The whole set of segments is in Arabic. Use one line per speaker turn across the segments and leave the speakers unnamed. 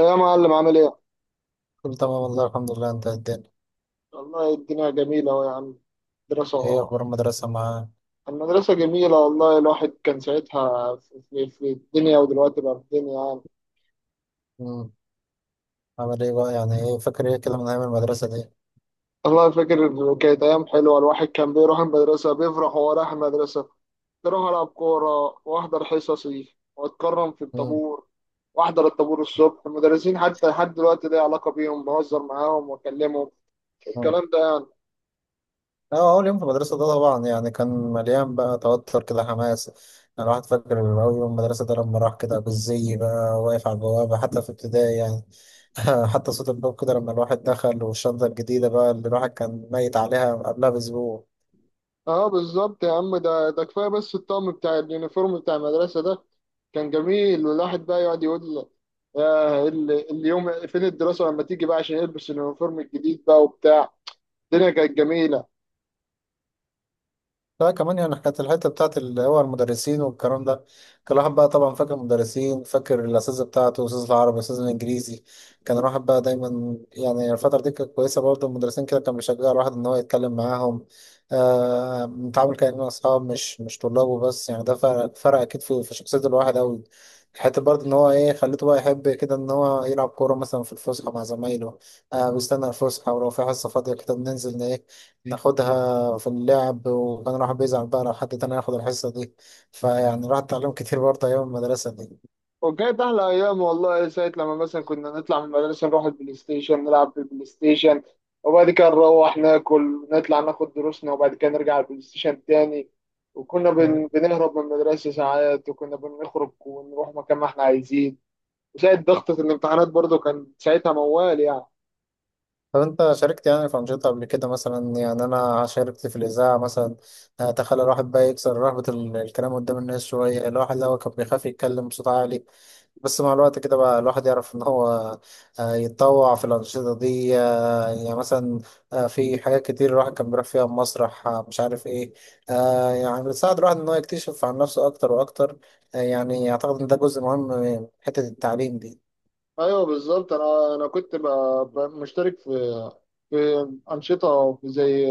يا معلم عامل ايه؟
كله تمام والله الحمد لله. انت إيه الدنيا؟
والله الدنيا جميلة أهو يا عم.
ايه
دراسة.
اخبار المدرسة معاه؟
المدرسة جميلة والله الواحد كان ساعتها في الدنيا ودلوقتي بقى في الدنيا يعني.
امم. عامل ايه بقى؟ يعني ايه فاكر ايه كده من ايام المدرسة دي؟
والله فاكر كانت أيام حلوة، الواحد كان بيروح المدرسة بيفرح وهو رايح المدرسة، بيروح ألعب كورة وأحضر حصصي وأتكرم في
امم.
الطابور وأحضر الطابور الصبح. المدرسين حتى لحد دلوقتي ليا علاقة بيهم، بهزر معاهم وأكلمهم
امم.
الكلام ده.
اه، اول يوم في المدرسة ده طبعا يعني كان مليان بقى توتر كده، حماس. انا الواحد فاكر اول يوم المدرسة ده لما راح كده بالزي، بقى واقف على البوابة حتى في ابتدائي يعني. حتى صوت الباب كده لما الواحد دخل، والشنطة الجديدة بقى اللي الواحد كان ميت عليها قبلها بأسبوع.
اه بالظبط يا عم، ده ده كفايه بس الطقم بتاع اليونيفورم بتاع المدرسه ده كان جميل، والواحد بقى يقعد يقول اليوم فين الدراسه لما تيجي بقى عشان يلبس اليونيفورم الجديد بقى وبتاع. الدنيا كانت جميله
لا كمان يعني كانت الحتة بتاعت اللي هو المدرسين والكلام ده. كان الواحد بقى طبعا فاكر المدرسين، فاكر الأساتذة بتاعته، الأستاذ العربي، الأستاذ الإنجليزي. كان الواحد بقى دايما يعني الفترة دي كانت كويسة برضه. المدرسين كده كان بيشجع الواحد إن هو يتكلم معاهم. متعامل كأنه أصحاب، مش طلاب وبس يعني. ده فرق أكيد في شخصية الواحد أوي. حتى برضه إن هو إيه، خليته بقى يحب كده إن هو يلعب كورة مثلا في الفسحة مع زمايله. بيستنى الفسحة، ولو في حصة فاضية كده بننزل إن إيه، ناخدها في اللعب. وكان الواحد بيزعل بقى لو حد تاني ياخد الحصة دي. فيعني الواحد اتعلم كتير برضه أيام المدرسة دي.
وكانت احلى ايام والله. ساعه لما مثلا كنا نطلع من المدرسه نروح البلاي ستيشن، نلعب في البلاي ستيشن وبعد كده نروح ناكل، نطلع ناخد دروسنا وبعد كده نرجع البلاي ستيشن تاني. وكنا
مم.
بنهرب من المدرسه ساعات، وكنا بنخرج ونروح مكان ما احنا عايزين. زائد ضغطة الامتحانات برضو كان ساعتها موال يعني.
طب أنت شاركت يعني في أنشطة قبل كده؟ مثلا يعني أنا شاركت في الإذاعة مثلا. تخلى الواحد بقى يكسر رهبة الكلام قدام الناس شوية. الواحد لو كان بيخاف يتكلم بصوت عالي، بس مع الوقت كده بقى الواحد يعرف ان هو يتطوع في الانشطه دي. يعني مثلا، في حاجات كتير الواحد كان بيروح فيها، مسرح، مش عارف ايه. يعني بتساعد الواحد ان هو يكتشف عن نفسه اكتر واكتر. يعني اعتقد ان ده جزء مهم من حته التعليم دي.
ايوه بالظبط، انا كنت مشترك في انشطه زي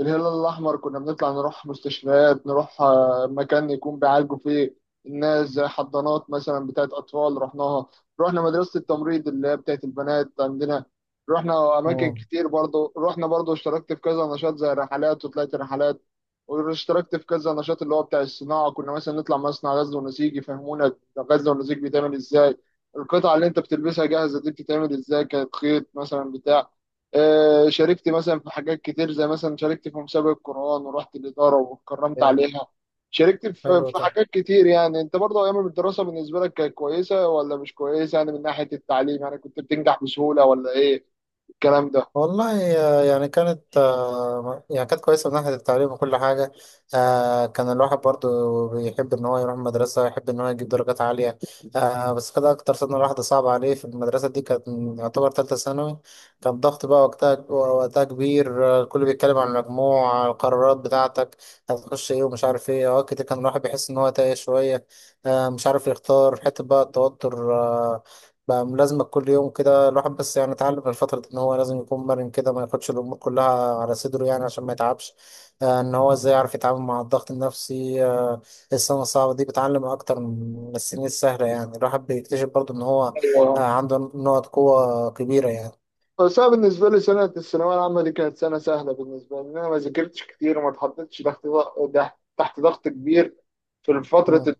الهلال الأحمر، كنا بنطلع نروح مستشفيات، نروح مكان يكون بيعالجوا فيه الناس، زي حضانات مثلا بتاعت أطفال رحناها، رحنا مدرسة التمريض اللي هي بتاعت البنات عندنا، رحنا أماكن
مم.
كتير برضو. رحنا برضو، اشتركت في كذا نشاط زي رحلات وطلعت رحلات، واشتركت في كذا نشاط اللي هو بتاع الصناعة، كنا مثلا نطلع مصنع غزل ونسيج يفهمونا غزل ونسيج بيتعمل ازاي، القطعة اللي انت بتلبسها جاهزة دي بتتعمل ازاي، كانت خيط مثلا بتاع. شاركت مثلا في حاجات كتير، زي مثلا شاركت في مسابقة قرآن ورحت الإدارة واتكرمت
يعني
عليها. شاركت في
حلو
في
ده.
حاجات كتير. يعني انت برضه ايام الدراسة بالنسبة لك كانت كويسة ولا مش كويسة؟ يعني من ناحية التعليم، يعني كنت بتنجح بسهولة ولا ايه الكلام ده؟
والله يعني كانت يعني كانت كويسة من ناحية التعليم وكل حاجة. كان الواحد برضو بيحب إن هو يروح المدرسة، يحب إن هو يجيب درجات عالية. بس كده أكتر سنة الواحد صعب عليه في المدرسة دي كانت يعتبر تالتة ثانوي. كان ضغط بقى وقتها كبير. الكل بيتكلم عن المجموع، على القرارات بتاعتك، هتخش إيه، ومش عارف إيه. أوقات كتير كان الواحد بيحس إن هو تايه شوية، مش عارف يختار حتة. بقى التوتر بقى ملازمك كل يوم كده الواحد. بس يعني اتعلم من الفترة دي ان هو لازم يكون مرن كده، ما ياخدش الامور كلها على صدره يعني عشان ما يتعبش. ان هو ازاي يعرف يتعامل مع الضغط النفسي. السنة الصعبة دي بتعلم اكتر من السنين السهلة. يعني الواحد بيكتشف برضه ان هو
ايوه.
عنده نقط قوة كبيرة يعني.
بس انا بالنسبة لي سنة الثانوية العامة دي كانت سنة سهلة بالنسبة لي، لأن انا ما ذاكرتش كتير وما اتحطيتش تحت ضغط، تحت ضغط كبير في فترة
مم.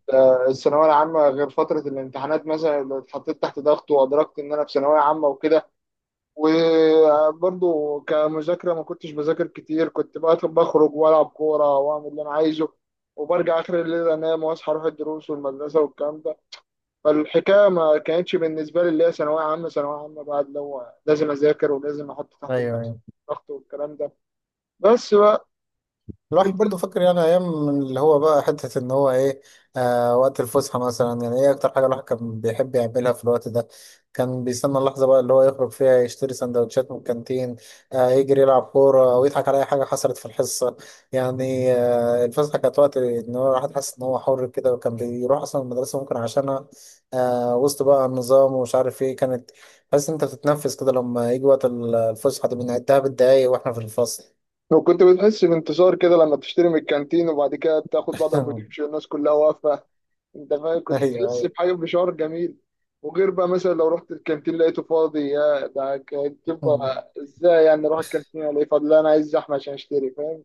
الثانوية العامة، غير فترة الامتحانات مثلا اللي اتحطيت تحت ضغط وأدركت إن أنا في ثانوية عامة وكده. وبرضه كمذاكرة ما كنتش بذاكر كتير، كنت بقى بخرج وألعب كورة وأعمل اللي أنا عايزه وبرجع آخر الليل أنام، وأصحى أروح الدروس والمدرسة والكلام ده. فالحكاية ما كانتش بالنسبة لي اللي هي ثانوية عامة ثانوية عامة بقى اللي هو لازم أذاكر ولازم أحط تحت
ايوه،
النفس
أيوة.
ضغط والكلام ده. بس بقى
الواحد
انت
برضه فاكر يعني ايام من اللي هو بقى، حته ان هو ايه، وقت الفسحه مثلا. يعني ايه اكتر حاجه الواحد كان بيحب يعملها في الوقت ده؟ كان بيستنى اللحظه بقى اللي هو يخرج فيها، يشتري سندوتشات من الكانتين، يجري، يلعب كوره، او يضحك على اي حاجه حصلت في الحصه يعني. الفسحه كانت وقت ان هو الواحد حاسس ان هو حر كده، وكان بيروح اصلا المدرسه ممكن عشانها. وسط بقى النظام ومش عارف ايه كانت. حاسس إن انت بتتنفس كده لما يجي وقت الفسحه دي. بنعدها بالدقايق واحنا في الفصل.
لو كنت بتحس بانتصار كده لما تشتري من الكانتين وبعد كده تاخد بعضك وتمشي والناس كلها واقفة، انت فاهم؟ كنت تحس
ايوه.
بحاجه، بشعور جميل. وغير بقى مثلا لو رحت الكانتين لقيته فاضي، يا ده كانت
اه،
تبقى ازاي؟ يعني اروح الكانتين الاقيه فاضي؟ لا انا عايز زحمه عشان اشتري، فاهم؟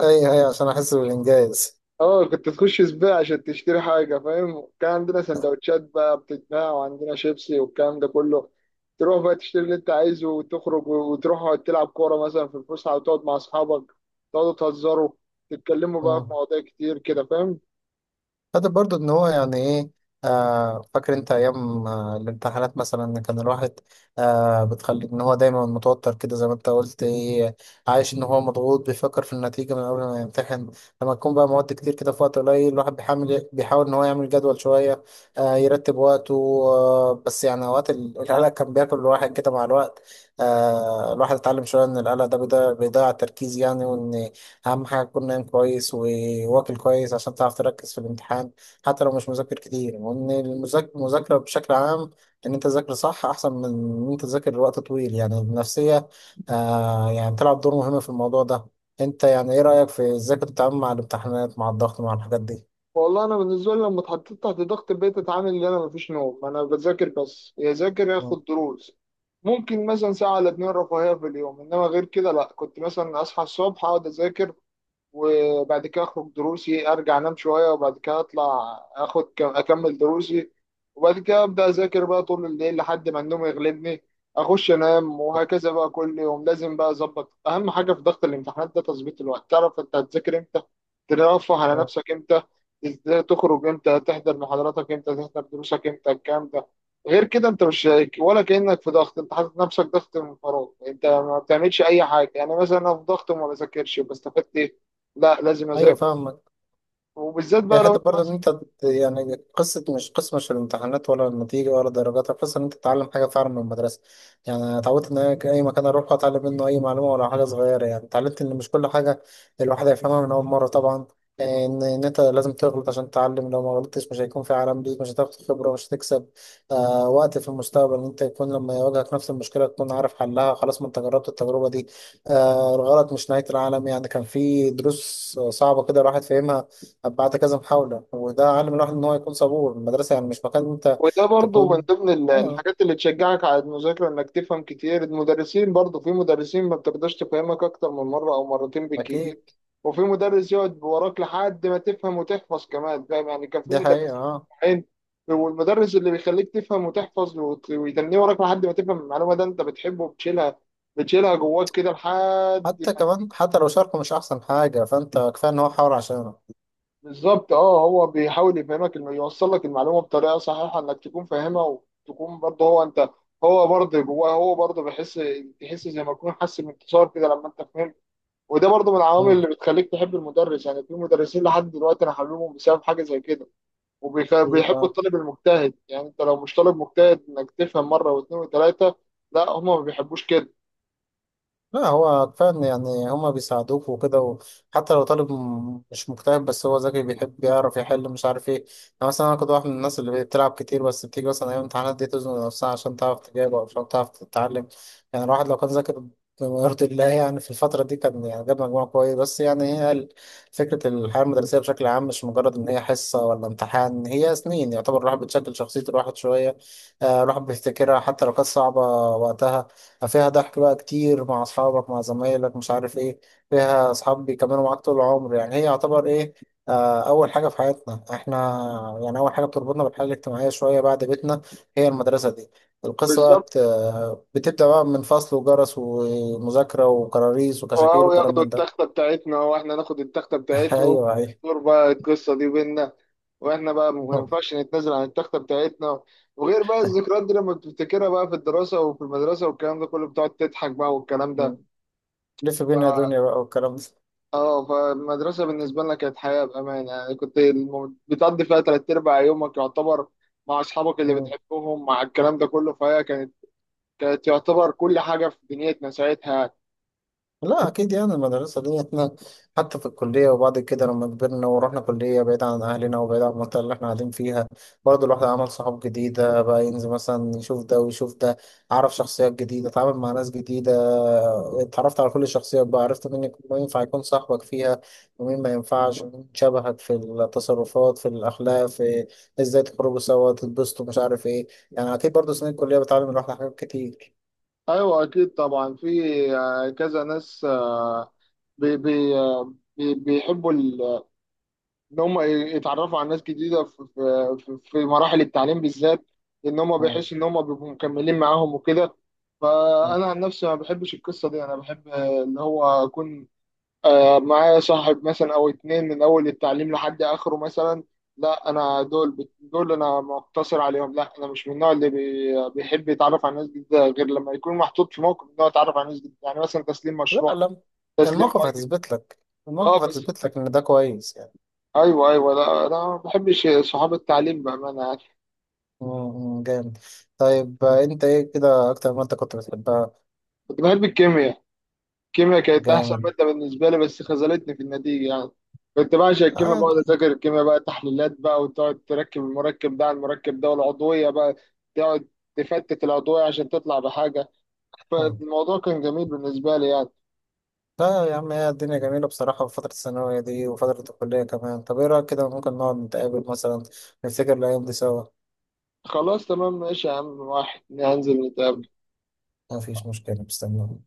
اي اي عشان احس بالانجاز.
اه كنت تخش سباق عشان تشتري حاجة، فاهم؟ كان عندنا سندوتشات بقى بتتباع، وعندنا شيبسي والكلام ده كله. تروح بقى تشتري اللي انت عايزه وتخرج وتروح تلعب كورة مثلا في الفسحة وتقعد مع أصحابك، تقعدوا تهزروا تتكلموا بقى في
اه.
مواضيع كتير كده، فاهم؟
فده برضو ان هو يعني ايه. فاكر انت ايام الامتحانات مثلا، إن كان الواحد بتخلي ان هو دايما متوتر كده، زي ما انت قلت ايه، عايش ان هو مضغوط، بيفكر في النتيجة من قبل ما يمتحن. لما تكون بقى مواد كتير كده في وقت قليل، الواحد بيحاول ان هو يعمل جدول شوية، يرتب وقته. بس يعني اوقات القلق كان بياكل الواحد كده. مع الوقت الواحد اتعلم شوية ان القلق ده بيضيع التركيز يعني. أهم حاجة تكون نايم كويس وواكل كويس عشان تعرف تركز في الامتحان، حتى لو مش مذاكر كتير. وإن المذاكرة بشكل عام، إن أنت تذاكر صح أحسن من إن أنت تذاكر لوقت طويل. يعني النفسية يعني تلعب دور مهم في الموضوع ده. أنت يعني إيه رأيك في إزاي كنت بتتعامل مع الامتحانات، مع الضغط، مع الحاجات دي؟
والله انا بالنسبه لي لما اتحطيت تحت ضغط البيت، اتعامل ان انا مفيش نوم، انا بذاكر بس، يا ذاكر يا
مم.
اخد دروس. ممكن مثلا ساعه ولا اتنين رفاهيه في اليوم، انما غير كده لا. كنت مثلا اصحى الصبح اقعد اذاكر وبعد كده اخرج دروسي، ارجع انام شويه وبعد كده اطلع اخد كم اكمل دروسي، وبعد كده ابدا اذاكر بقى طول الليل لحد ما النوم يغلبني، اخش انام، وهكذا بقى كل يوم. لازم بقى اظبط، اهم حاجه في ضغط الامتحانات ده تظبيط الوقت، تعرف انت هتذاكر امتى، ترفه على
مم.
نفسك امتى، ازاي تخرج امتى، تحضر محاضراتك امتى، تحضر دروسك امتى، الكلام ده. غير كده انت مش شايك ولا كانك في ضغط، انت حاطط نفسك ضغط من فراغ، انت ما بتعملش اي حاجه. يعني مثلا انا في ضغط وما بذاكرش، بستفدت؟ لا لازم
أيوه،
اذاكر.
فاهم.
وبالذات
هي
بقى لو
حتة
انت
برضه إن
مثلا،
أنت يعني قصة، مش قصة مش الامتحانات ولا النتيجة ولا الدرجات، القصة إن أنت تتعلم حاجة فعلا من المدرسة. يعني أنا اتعودت إن أنا أي مكان أروح أتعلم منه أي معلومة ولا حاجة صغيرة. يعني اتعلمت إن مش كل حاجة الواحد هيفهمها من أول مرة طبعا، إن أنت لازم تغلط عشان تتعلم. لو ما غلطتش مش هيكون في عالم ليك، مش هتاخد خبرة، مش هتكسب وقت في المستقبل إن أنت يكون لما يواجهك نفس المشكلة تكون عارف حلها، خلاص ما أنت جربت التجربة دي. الغلط مش نهاية العالم يعني. كان في دروس صعبة كده الواحد فاهمها بعد كذا محاولة، وده علم الواحد إن هو يكون صبور. المدرسة يعني مش مكان أنت
وده برضه من
تكون
ضمن
آه.
الحاجات اللي تشجعك على المذاكره انك تفهم كتير. المدرسين برضه، في مدرسين ما بتقدرش تفهمك اكتر من مره او مرتين بالكتير،
أكيد.
وفي مدرس يقعد وراك لحد ما تفهم وتحفظ كمان، فاهم؟ يعني كان في
دي حقيقة،
مدرسين
آه.
عين، والمدرس اللي بيخليك تفهم وتحفظ ويتنيه وراك لحد ما تفهم المعلومه ده انت بتحبه، بتشيلها، بتشيلها جواك كده لحد.
حتى كمان، حتى لو شاركه مش أحسن حاجة، فأنت كفاية إن هو حاول عشانك.
بالظبط. اه هو بيحاول يفهمك، انه يوصل لك المعلومه بطريقه صحيحه انك تكون فاهمها، وتكون برضه هو انت، هو برضه جواه هو برضه بيحس، تحس زي ما يكون حس بانتصار كده لما انت فهمت. وده برضه من العوامل
مم.
اللي بتخليك تحب المدرس. يعني في مدرسين لحد دلوقتي انا حاببهم بسبب حاجه زي كده.
أكيد،
وبيحبوا
آه.
الطالب المجتهد، يعني انت لو مش طالب مجتهد انك تفهم مره واثنين وثلاثه لا، هم ما بيحبوش كده.
لا هو كفاية إن يعني هما بيساعدوك وكده، وحتى لو طالب مش مجتهد بس هو ذكي، بيحب يعرف يحل، مش عارف ايه. أنا مثلا أنا كنت واحد من الناس اللي بتلعب كتير، بس بتيجي مثلا أيام الامتحانات دي تزنق نفسها عشان تعرف تجاوب أو عشان تعرف تتعلم. يعني الواحد لو كان ذاكر بما يرضي الله يعني في الفترة دي، كان يعني جاب مجموع كويس. بس يعني هي فكرة الحياة المدرسية بشكل عام مش مجرد إن هي حصة ولا امتحان، هي سنين يعتبر الواحد بتشكل شخصية الواحد شوية. الواحد بيفتكرها حتى لو كانت صعبة وقتها. فيها ضحك بقى كتير مع أصحابك، مع زمايلك، مش عارف إيه. فيها أصحاب بيكملوا معاك طول العمر. يعني هي يعتبر إيه، أول حاجة في حياتنا إحنا. يعني أول حاجة بتربطنا بالحياة الاجتماعية شوية بعد بيتنا هي المدرسة دي. القصة بقى
بالظبط.
بت... بتبدأ بقى من فصل وجرس ومذاكرة وكراريس وكشاكيل
واو،
وكلام
ياخدوا
من
التختة
ده.
بتاعتنا واحنا ناخد التختة بتاعتهم،
أيوه، أيوه.
دور بقى القصة دي بينا، واحنا بقى ما ينفعش نتنازل عن التختة بتاعتنا. وغير بقى الذكريات دي لما بتفتكرها بقى في الدراسة وفي المدرسة والكلام ده كله، بتقعد تضحك بقى والكلام ده.
لف بينا يا دنيا بقى، والكلام
اه، فالمدرسة بالنسبة لنا كانت حياة بأمانة، يعني كنت بتقضي فيها تلات أرباع يومك يعتبر مع أصحابك اللي
ده.
بتحبهم مع الكلام ده كله. فهي كانت، كانت يعتبر كل حاجة في دنيتنا ساعتها يعني.
لا أكيد، يعني المدرسة دي إحنا، حتى في الكلية وبعد كده لما كبرنا ورحنا كلية بعيد عن أهلنا وبعيد عن المنطقة اللي إحنا قاعدين فيها، برضه الواحد عمل صحاب جديدة بقى. ينزل مثلا يشوف ده ويشوف ده، عرف شخصيات جديدة، اتعامل مع ناس جديدة. اتعرفت على كل الشخصيات بقى، عرفت مين ينفع يكون صاحبك فيها، ومين ما ينفعش، ومين شبهك في التصرفات، في الأخلاق، في إزاي تخرجوا سوا، تتبسطوا، مش عارف إيه. يعني أكيد برضه سنين الكلية بتعلم الواحد حاجات كتير.
أيوة أكيد طبعا. في كذا ناس بي بي بي بيحبوا ان هم يتعرفوا على ناس جديده في في مراحل التعليم بالذات، ان هم
آه.
بيحسوا ان هم بيبقوا مكملين معاهم وكده.
آه.
فانا عن نفسي ما بحبش القصه دي، انا بحب ان هو اكون معايا صاحب مثلا او اتنين من اول التعليم لحد اخره مثلا. لا انا دول دول انا مقتصر عليهم، لا انا مش من النوع اللي بيحب يتعرف على ناس جديده، غير لما يكون محطوط في موقف ان هو يتعرف على ناس جديده. يعني مثلا تسليم
لا
مشروع،
لا،
تسليم
الموقف
واجب.
هتثبت لك. الموقف
اه بس،
هتثبت لك ان ده كويس يعني.
ايوه ايوه لا انا ما بحبش صحاب التعليم بامانه يعني.
مم، جامد. طيب انت ايه كده اكتر ما انت كنت بتحبها؟
كنت بحب الكيمياء، الكيمياء كانت احسن
جامد.
ماده بالنسبه لي، بس خذلتني في النتيجه يعني. كنت بعشق الكيمياء، بقعد
عادي.
اذاكر الكيمياء بقى تحليلات بقى، وتقعد تركب المركب ده على المركب ده، والعضويه بقى تقعد تفتت العضويه عشان تطلع بحاجه.
مم.
فالموضوع كان جميل بالنسبه لي يعني.
لا يا عم، هي الدنيا جميلة بصراحة في فترة الثانوية دي وفترة الكلية كمان. طب ايه رأيك كده ممكن نقعد نتقابل مثلا، نفتكر الأيام دي سوا؟
خلاص تمام ماشي يا عم، واحد هنزل نتقابل.
مفيش مشكلة، مستنيك.